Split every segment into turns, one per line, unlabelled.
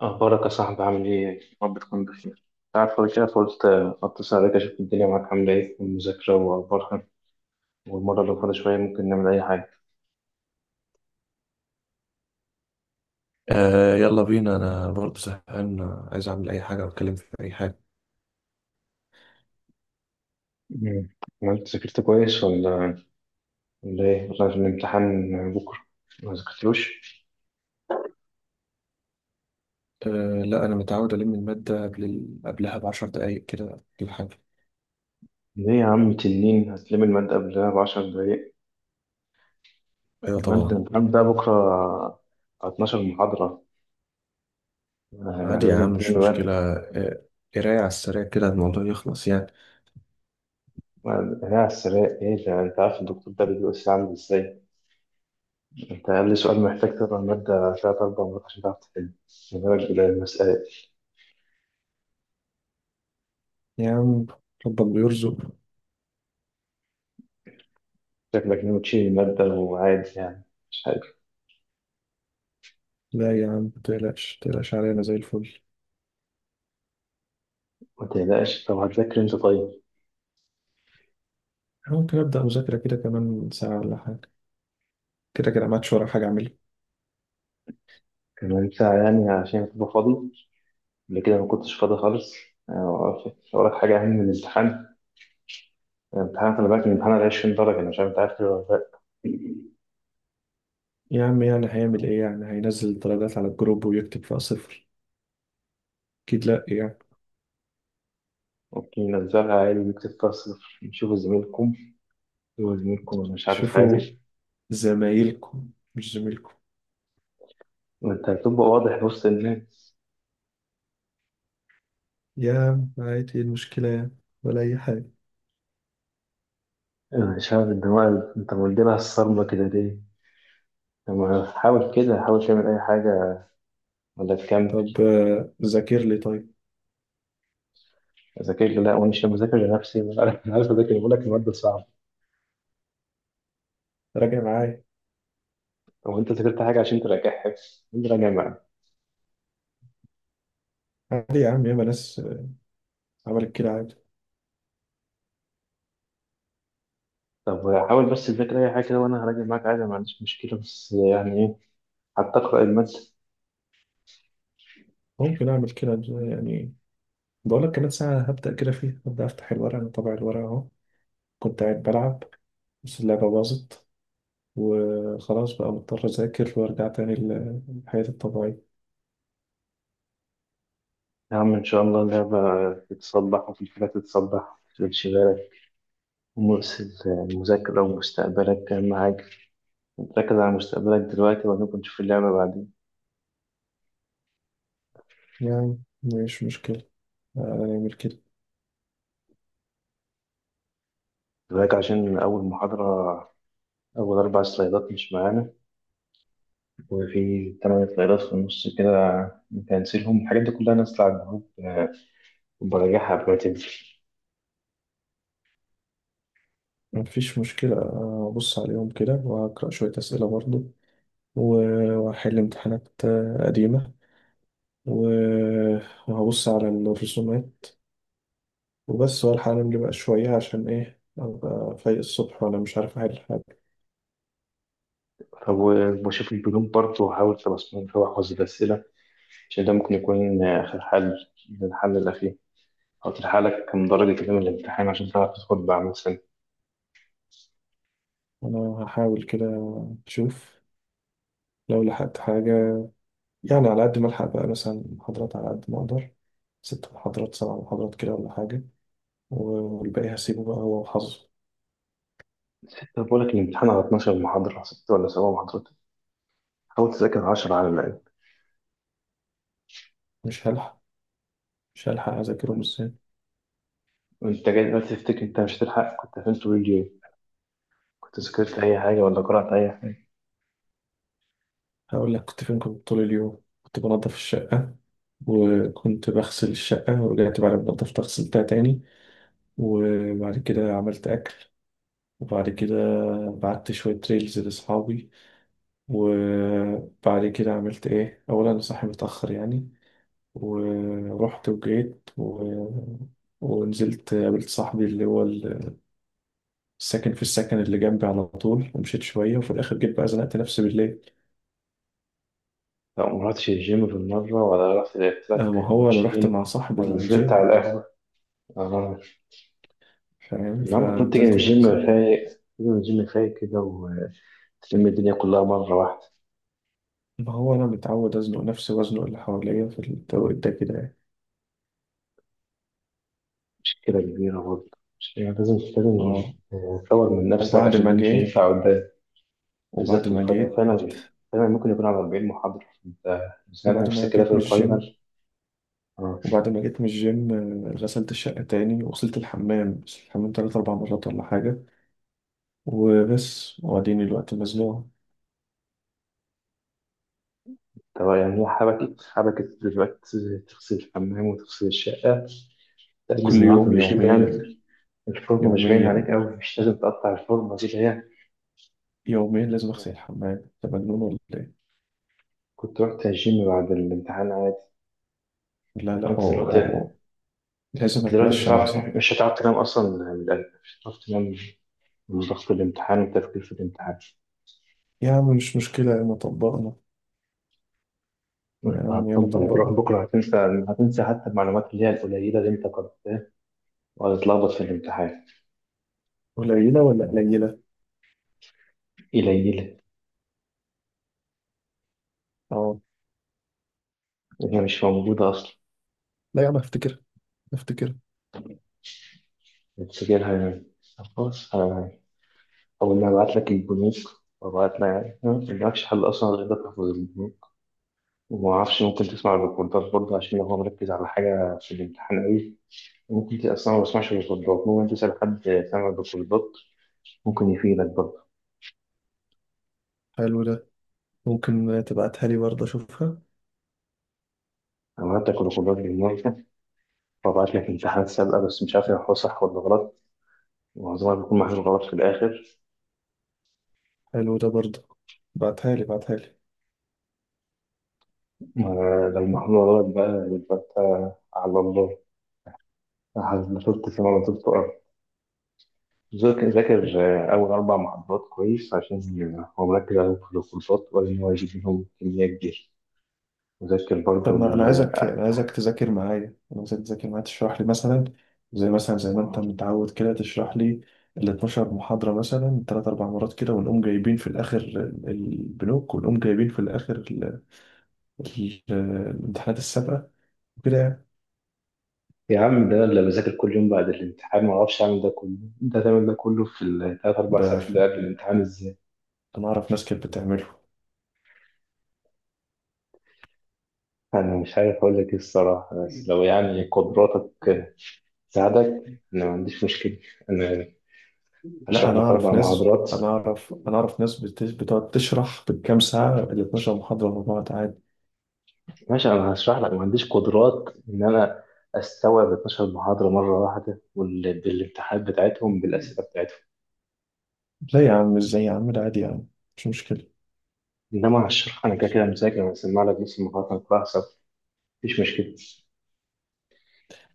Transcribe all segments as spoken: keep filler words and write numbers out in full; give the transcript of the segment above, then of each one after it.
أخبارك يا صاحبي عامل إيه؟ رب تكون بخير، تعرف فاضي كده فقلت أتصل عليك أشوف الدنيا معاك عاملة إيه والمذاكرة وأخبارها والمرة اللي فاضي شوية ممكن نعمل أي حاجة.
آه يلا بينا، انا برضه زهقان. عايز اعمل اي حاجه واتكلم في اي حاجه.
مم. عملت ذاكرت كويس ولا ولا إيه؟ ولا في الامتحان بكرة ما ذاكرتلوش؟
آه لا، انا متعود الم الماده قبل ال... قبلها بعشر دقايق كده، كل حاجه.
ليه يا عم تنين هتلم المادة قبلها بعشر دقايق؟
ايوه
المادة
طبعا.
الامتحان ده بكرة على اثنا عشر محاضرة. آه،
عادي يا
لازم
عم،
تلم
مش مشكله
المادة.
آه، قرايه على السريع كده، الموضوع يخلص يعني.
هي على السراق إيه ده؟ أنت عارف الدكتور ده بيجي الساعة عامل إزاي؟ انت قبل سؤال محتاج تقرا المادة تلات أربع مرات عشان تعرف تحل، ما بالك بالمسألة.
يا عم، ربك بيرزق.
شكلك ناوي تشيل المادة وعادي يعني، مش حاجة.
لا يا عم، متقلقش متقلقش عليا، انا زي الفل.
ما تقلقش، طب هتذاكر انت طيب؟
ممكن ابدا مذاكره كده كمان ساعه ولا حاجه. كده كده، ما عادش ورا حاجه اعملها.
كمان ساعة يعني عشان تبقى فاضي، قبل كده ما كنتش فاضي خالص. آه، وراك وراك حاجة أهم من الامتحان. الامتحان خلي بالك، الامتحان على عشرين درجة، أنا مش عارف أنت عارف كده ولا لأ.
يا عم، يعني هيعمل ايه؟ يعني هينزل الدرجات على الجروب ويكتب فيها صفر؟ اكيد لا يعني.
ممكن ننزلها عادي ونكتب فيها صفر، نشوف زميلكم. هو زميلكم، أنا مش عارف،
شوفوا
عادي.
زمايلكم، مش زميلكم.
وأنت هتبقى واضح، بص إن
يا عم عادي، إيه المشكلة يعني؟ ولا أي حاجة.
أنا مش عارف الدماغ اللي انت مديلها الصدمة كده ليه؟ لما حاول كده، حاول تعمل أي حاجة ولا تكمل.
طب، آه، ذاكر لي طيب.
أذاكر لي؟ لا، وأنا مش بذاكر لنفسي؟ أنا عارف، أنا عارف أذاكر، بقول لك المادة صعبة.
راجع معايا.
طب وأنت ذاكرت حاجة عشان تراجع حفظ أنت؟ راجع معايا.
عادي يا عم، ياما ناس آه، عملت كده عادي.
طب حاول بس تذاكر أي حاجة كده وأنا هراجع معاك عادي، ما عنديش مشكلة، بس يعني إيه، حتى أقرأ المادة.
ممكن أعمل كده يعني. بقول لك كمان ساعة هبدأ كده فيها، هبدأ أفتح الورق، أنا طبع الورق أهو. كنت قاعد بلعب، بس اللعبة باظت، وخلاص بقى مضطر أذاكر وأرجع تاني ل- لحياتي الطبيعية.
يا عم إن شاء الله اللعبة تتصلح، وفي الحاجات تتصلح، تمشي بالك. ومؤسس المذاكرة ومستقبلك أهم حاجة. ركز على مستقبلك دلوقتي وبعدين نشوف اللعبة بعدين.
يعني مش مشكلة، آه، هنعمل كده.
دلوقتي عشان أول محاضرة، أول أربع سلايدات مش معانا، وفي تمن سلايدات في النص كده بنسيلهم. الحاجات دي كلها نازلة على الجروب آه، وبراجعها قبل ما تنزل.
مفيش مشكلة، آه، أبص عليهم كده وهقرأ شوية أسئلة برضه. و- وهحل امتحانات آه، قديمة. و- وهبص على الرسومات. وبس، والحق أنام لي بقى شوية، عشان إيه أبقى فايق الصبح وأنا مش عارف أحل حاجة.
طب وبشوف البنوك برضه، وأحاول تبصمهم فيها وأحفظ الأسئلة، عشان ده ممكن يكون آه، آخر حل، الحل الأخير. أو تلحق لك كم درجة كده من الامتحان عشان تعرف تدخل بقى مثلا.
أنا هحاول كده، أشوف لو لحقت حاجة، يعني على قد ما ألحق بقى مثلا محاضرات على قد ما أقدر. ست محاضرات سبع محاضرات كده ولا حاجة. والباقي هسيبه بقى هو وحظه.
طب بقول لك الامتحان على اتناشر محاضرة، ست ولا سبع محاضرات، حاول تذاكر عشر على الأقل.
مش هلحق، مش هلحق أذاكرهم إزاي؟
وأنت جاي دلوقتي تفتكر أنت مش هتلحق؟ كنت فين طول اليوم؟ كنت ذاكرت أي حاجة ولا قرأت أي حاجة؟
هقول لك كنت فين، كنت طول اليوم كنت بنظف الشقة. وكنت بغسل الشقة، ورجعت بعد ما نضفتها غسلتها تاني. وبعد كده عملت أكل. وبعد كده بعت شوية ريلز لأصحابي. وبعد كده عملت إيه، أولا أنا صاحي متأخر يعني. ورحت وجيت و... ونزلت قابلت صاحبي اللي هو الساكن في السكن اللي جنبي، على طول ومشيت شوية، وفي الآخر جيت بقى زنقت نفسي بالليل.
لا، ما رحتش الجيم بالمرة ولا رحت لعبت
آه،
لك
ما هو أنا رحت
ماتشين
مع صاحب
ولا نزلت على
الجيم.
القهوة؟ آه.
فاهم،
لما كنت تيجي من
فنزلت نفسي.
الجيم فايق، تيجي من الجيم فايق كده وتلم الدنيا كلها مرة واحدة.
ما هو أنا متعود أزنق نفسي وأزنق اللي حواليا في التوقيت ده كده يعني.
مشكلة كبيرة برضه، مش يعني لازم لازم،
اه.
تطور من نفسك
وبعد
عشان
ما
ده مش
جيت
هينفع قدام. بالذات
وبعد
في
ما
الفاينل،
جيت
فاينل فاينل ممكن يكون على أربعين محاضرة، انت بتساعد
وبعد ما
نفسك كده في
جيت من الجيم
الفاينل. اه
وبعد ما جيت من الجيم، آه، غسلت الشقة تاني وغسلت الحمام، بس الحمام تلات أربع مرات ولا حاجة. وبس، وأديني الوقت مزنوق.
طب يعني هي حبكت حبكت دلوقتي تغسل الحمام وتغسل الشقة، تجهز
كل
النهاردة
يوم
من الجيم
يوميا.
يعني؟ الفورمة مش باين عليك
يوميا
أوي، مش لازم تقطع الفورمة دي اللي هي،
يوميا، لازم أغسل الحمام. أنت مجنون ولا إيه؟
كنت رحت الجيم بعد الامتحان عادي،
لا لا، أو
قلت
أو
دلوقتي.
أو. لازم
أنت دلوقتي مش
أتمشى مع
هتعرف،
صاحبي.
مش هتعرف تنام أصلا من القلب، مش هتعرف تنام من ضغط الامتحان والتفكير في الامتحان.
يا عم، مش مشكلة، ياما طبقنا. يا
وأنت
عم، ياما
هتطبق، هتروح
طبقنا.
بكرة هتنسى، هتنسى حتى المعلومات اللي هي القليلة اللي أنت كنت، وهتتلخبط في الامتحان.
قليلة ولا قليلة؟
قليلة،
اه.
هي مش موجودة أصلا،
لا يا عم، افتكر، افتكر.
بتسجلها يعني. طب خلاص، أنا- أول ما أبعت لك البنوك وأبعت لك، يعني ما عندكش حل أصلا غير إنك تحفظ. وما اعرفش، ممكن تسمع الريكوردات برضه عشان لو هو مركز على حاجه في الامتحان قوي. ممكن تبقى أصلاً ما بسمعش الريكوردات، ممكن تسال حد سامع الريكوردات، ممكن يفيدك برضه.
حلو ده. ممكن تبعتها لي برضه اشوفها.
انا عملت الريكوردات بالمره، وبعت لك امتحانات سابقه بس مش عارف هو صح ولا غلط، معظمها بيكون محلول غلط في الاخر.
حلو ده برضه. بعتها لي، بعتها لي.
ما- لو محلول غلط بقى يبقى انت على الله، ما طلبت سما ما طلبت ارض. ذاكر ذاكر اول اربع محاضرات كويس، عشان هو مركز عليهم في الكورسات وقال ان هو يجيب منهم كميه كبيره. وذاكر
طب
برضو.
ما انا عايزك انا عايزك تذاكر معايا انا عايزك تذاكر معايا تشرح لي مثلا. زي مثلا، زي ما انت متعود، كده تشرح لي. ال اثنتا عشرة محاضرة محاضرة مثلا ثلاث اربع مرات كده، ونقوم جايبين في الاخر ال- البنوك، ونقوم جايبين في الاخر ال- ال- الامتحانات السابقة. وكده يعني.
يا عم ده اللي بذاكر كل يوم بعد الامتحان ما اعرفش اعمل ده كله، انت هتعمل ده كله في الثلاث اربع
ده
ساعات اللي
في-
قبل الامتحان ازاي؟
انا اعرف ناس كانت بتعمله.
انا مش عارف اقول لك ايه الصراحه، بس لو يعني قدراتك تساعدك، انا ما عنديش مشكله. انا هشرح
لا، انا
لك
اعرف
اربع
ناس
محاضرات.
انا اعرف انا اعرف ناس بت- بتقعد تشرح بالكام ساعه ال 12 محاضره مع بعض عادي.
ماشي انا هشرح لك، ما عنديش قدرات ان انا استوعب اتناشر محاضره مره واحده وال- بالامتحانات بتاعتهم بالاسئله بتاعتهم.
لا يا عم، ازاي يا عم؟ ده عادي يا عم، مش مشكله.
انما هشرح، انا كده كده مذاكر، انا هسمع لك نص المحاضره هتلاحظ، مفيش مشكله.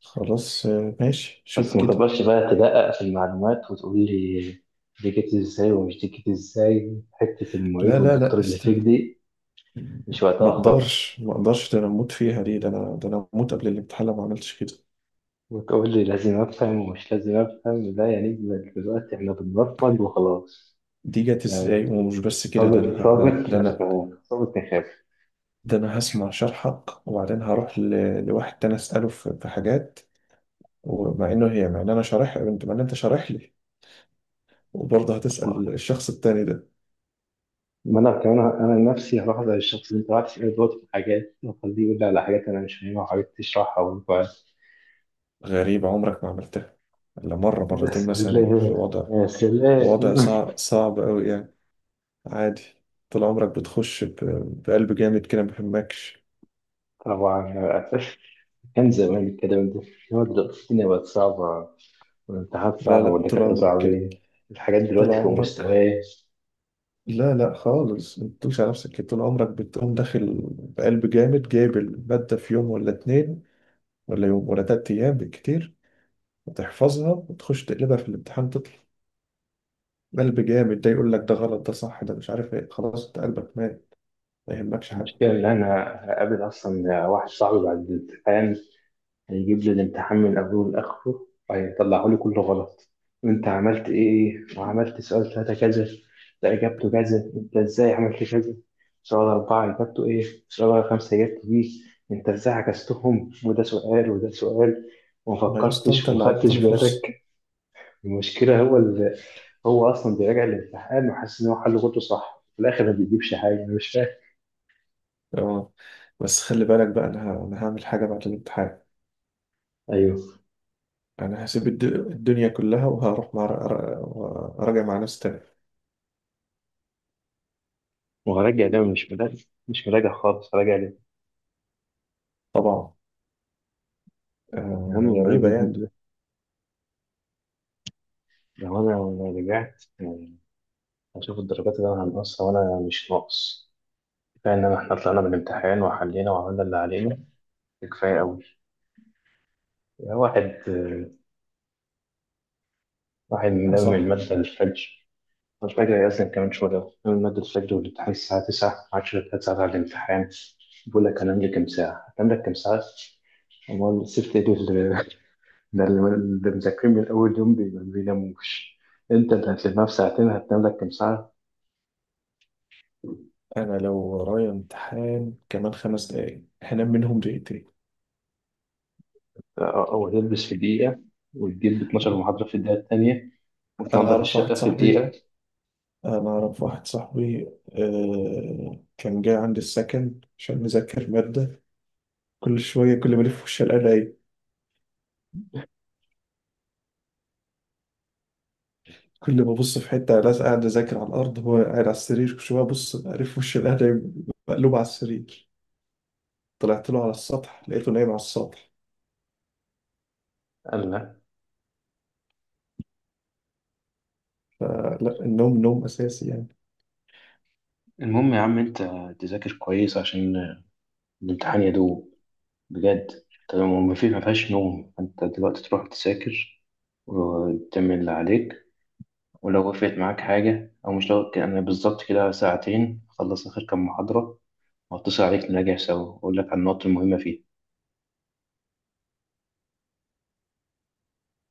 خلاص، آه، ماشي، شوف
بس ما
كده.
تقدرش بقى تدقق في المعلومات وتقول لي دي جت ازاي ومش دي جت ازاي، حتة المعيد
لا لا
والدكتور
لا،
اللي فيك
استنى.
دي مش
ما
وقتها خالص.
اقدرش ما اقدرش ده انا اموت فيها دي، ده انا ده انا اموت قبل الامتحان لو ما عملتش كده.
وتقول لي لازم افهم ومش لازم افهم، لا يعني، دلوقتي احنا بنبرمج وخلاص.
دي جت ازاي،
يعني
ومش بس كده، ده انا
صابت صابت
ه- ده
مش
انا
مهم. صابت نخاف.
ده انا هسمع شرحك، وبعدين هروح ل- لواحد تاني اساله في في حاجات. ومع انه هي مع ان انا شارح مع ان انت شارح لي، وبرضه هتسأل الشخص التاني ده.
ما انا كمان انا نفسي هروح على الشخص اللي انت قاعد تسأله دلوقتي في حاجات وخليه يقول لي على حاجات انا مش فاهمها، وحاجات تشرحها وينفع.
غريب، عمرك ما عملتها إلا مرة
يا
مرتين مثلا، في
سلام
وضع
يا
وضع
سلام.
صعب، صعب أوي يعني. عادي. طول عمرك بتخش ب- بقلب جامد كده، ما بيهمكش.
طبعا، كان زمان الكلام ده. هو دلوقتي الدنيا بقت صعبة، والامتحانات
لا
صعبة
لا، طول
والدكاترة
عمرك كده.
صعبين. الحاجات
طول
دلوقتي فوق
عمرك.
مستواي.
لا لا، خالص، ما تدوش على نفسك كده، طول عمرك بتقوم داخل. بقلب جامد، جايب المادة في يوم ولا اتنين. ولا يوم ولا تلات أيام بالكتير. وتحفظها وتخش تقلبها في الامتحان، تطلع. قلب جامد، ده يقول لك ده غلط ده صح ده مش عارف ايه، خلاص انت قلبك مات. ما يهمكش حاجة.
المشكلة إن أنا هقابل أصلا واحد صاحبي بعد الامتحان هيجيب لي الامتحان من أوله لآخره وهيطلعه لي كله غلط. وأنت عملت إيه وعملت سؤال ثلاثة كذا، ده إجابته كذا، أنت إزاي عملت كذا، سؤال أربعة إجابته إيه، سؤال خمسة إجابته دي، أنت إزاي عكستهم، وده سؤال وده سؤال، وما
ما يا اسطى،
فكرتش
انت
وما
اللي
خدتش
عطاني فرصة.
بالك. المشكلة هو ال... هو أصلا بيراجع الامتحان وحاسس إن هو حل غلطه صح، في الآخر ما بيجيبش حاجة، أنا مش فاهم.
اه، بس خلي بالك بقى، انا ه- انا هعمل حاجة بعد الامتحان.
أيوه،
انا هسيب الد- الدنيا كلها وهروح مع. راجع مع ناس تانية.
ما هو راجع ده مش مراجع، مش مراجع خالص، راجع ليه؟
طبعا.
يا عم
آه غريبة يعني.
ما- لو أنا لو رجعت يعني هشوف الدرجات اللي أنا هنقصها وأنا مش ناقص. كفاية إن إحنا طلعنا من الامتحان وحلينا وعملنا اللي علينا، ده كفاية أوي. يعني واحد آه، واحد
اه
ملم
صح.
المادة للفجر، مش فاكر هيأذن كمان شوية من مادة الفجر، والامتحان الساعة تسعة عشرة، هتسأل على الامتحان بقول لك هنام لي كام ساعة، هتنام لك كام ساعة؟ أمال سبت إيه لل- ده اللي اللي مذاكرين من أول يوم بي- ما بيناموش، أنت اللي هتلمها في ساعتين هتنام لك كام ساعة؟
انا لو ورايا امتحان كمان خمس دقايق هنام منهم دقيقتين.
أو أو هتلبس في دقيقة وتجيب اتناشر
آه،
محاضرة في الدقيقة التانية
انا
وتنظف
اعرف واحد
الشقة في
صاحبي
دقيقة.
انا اعرف واحد صاحبي آه كان جاي عندي السكن عشان نذاكر مادة. كل شوية، كل ما الف وش الاقي. كل ما ابص في حته، لا قاعد اذاكر على الارض هو قاعد على السرير، كل شويه ابص اعرف وش القهوه. مقلوب على السرير. طلعت له على السطح لقيته نايم على السطح.
قال لا.
فلا، النوم نوم اساسي يعني.
المهم يا عم أنت تذاكر كويس عشان الامتحان يدوب بجد. طب ما في، ما فيهاش نوم، انت دلوقتي تروح تذاكر وتعمل اللي عليك. ولو وقفت معاك حاجة، أو مش لو يعني، بالظبط كده ساعتين أخلص آخر كام محاضرة وأتصل عليك نراجع سوا، وأقول لك على النقط المهمة فيها.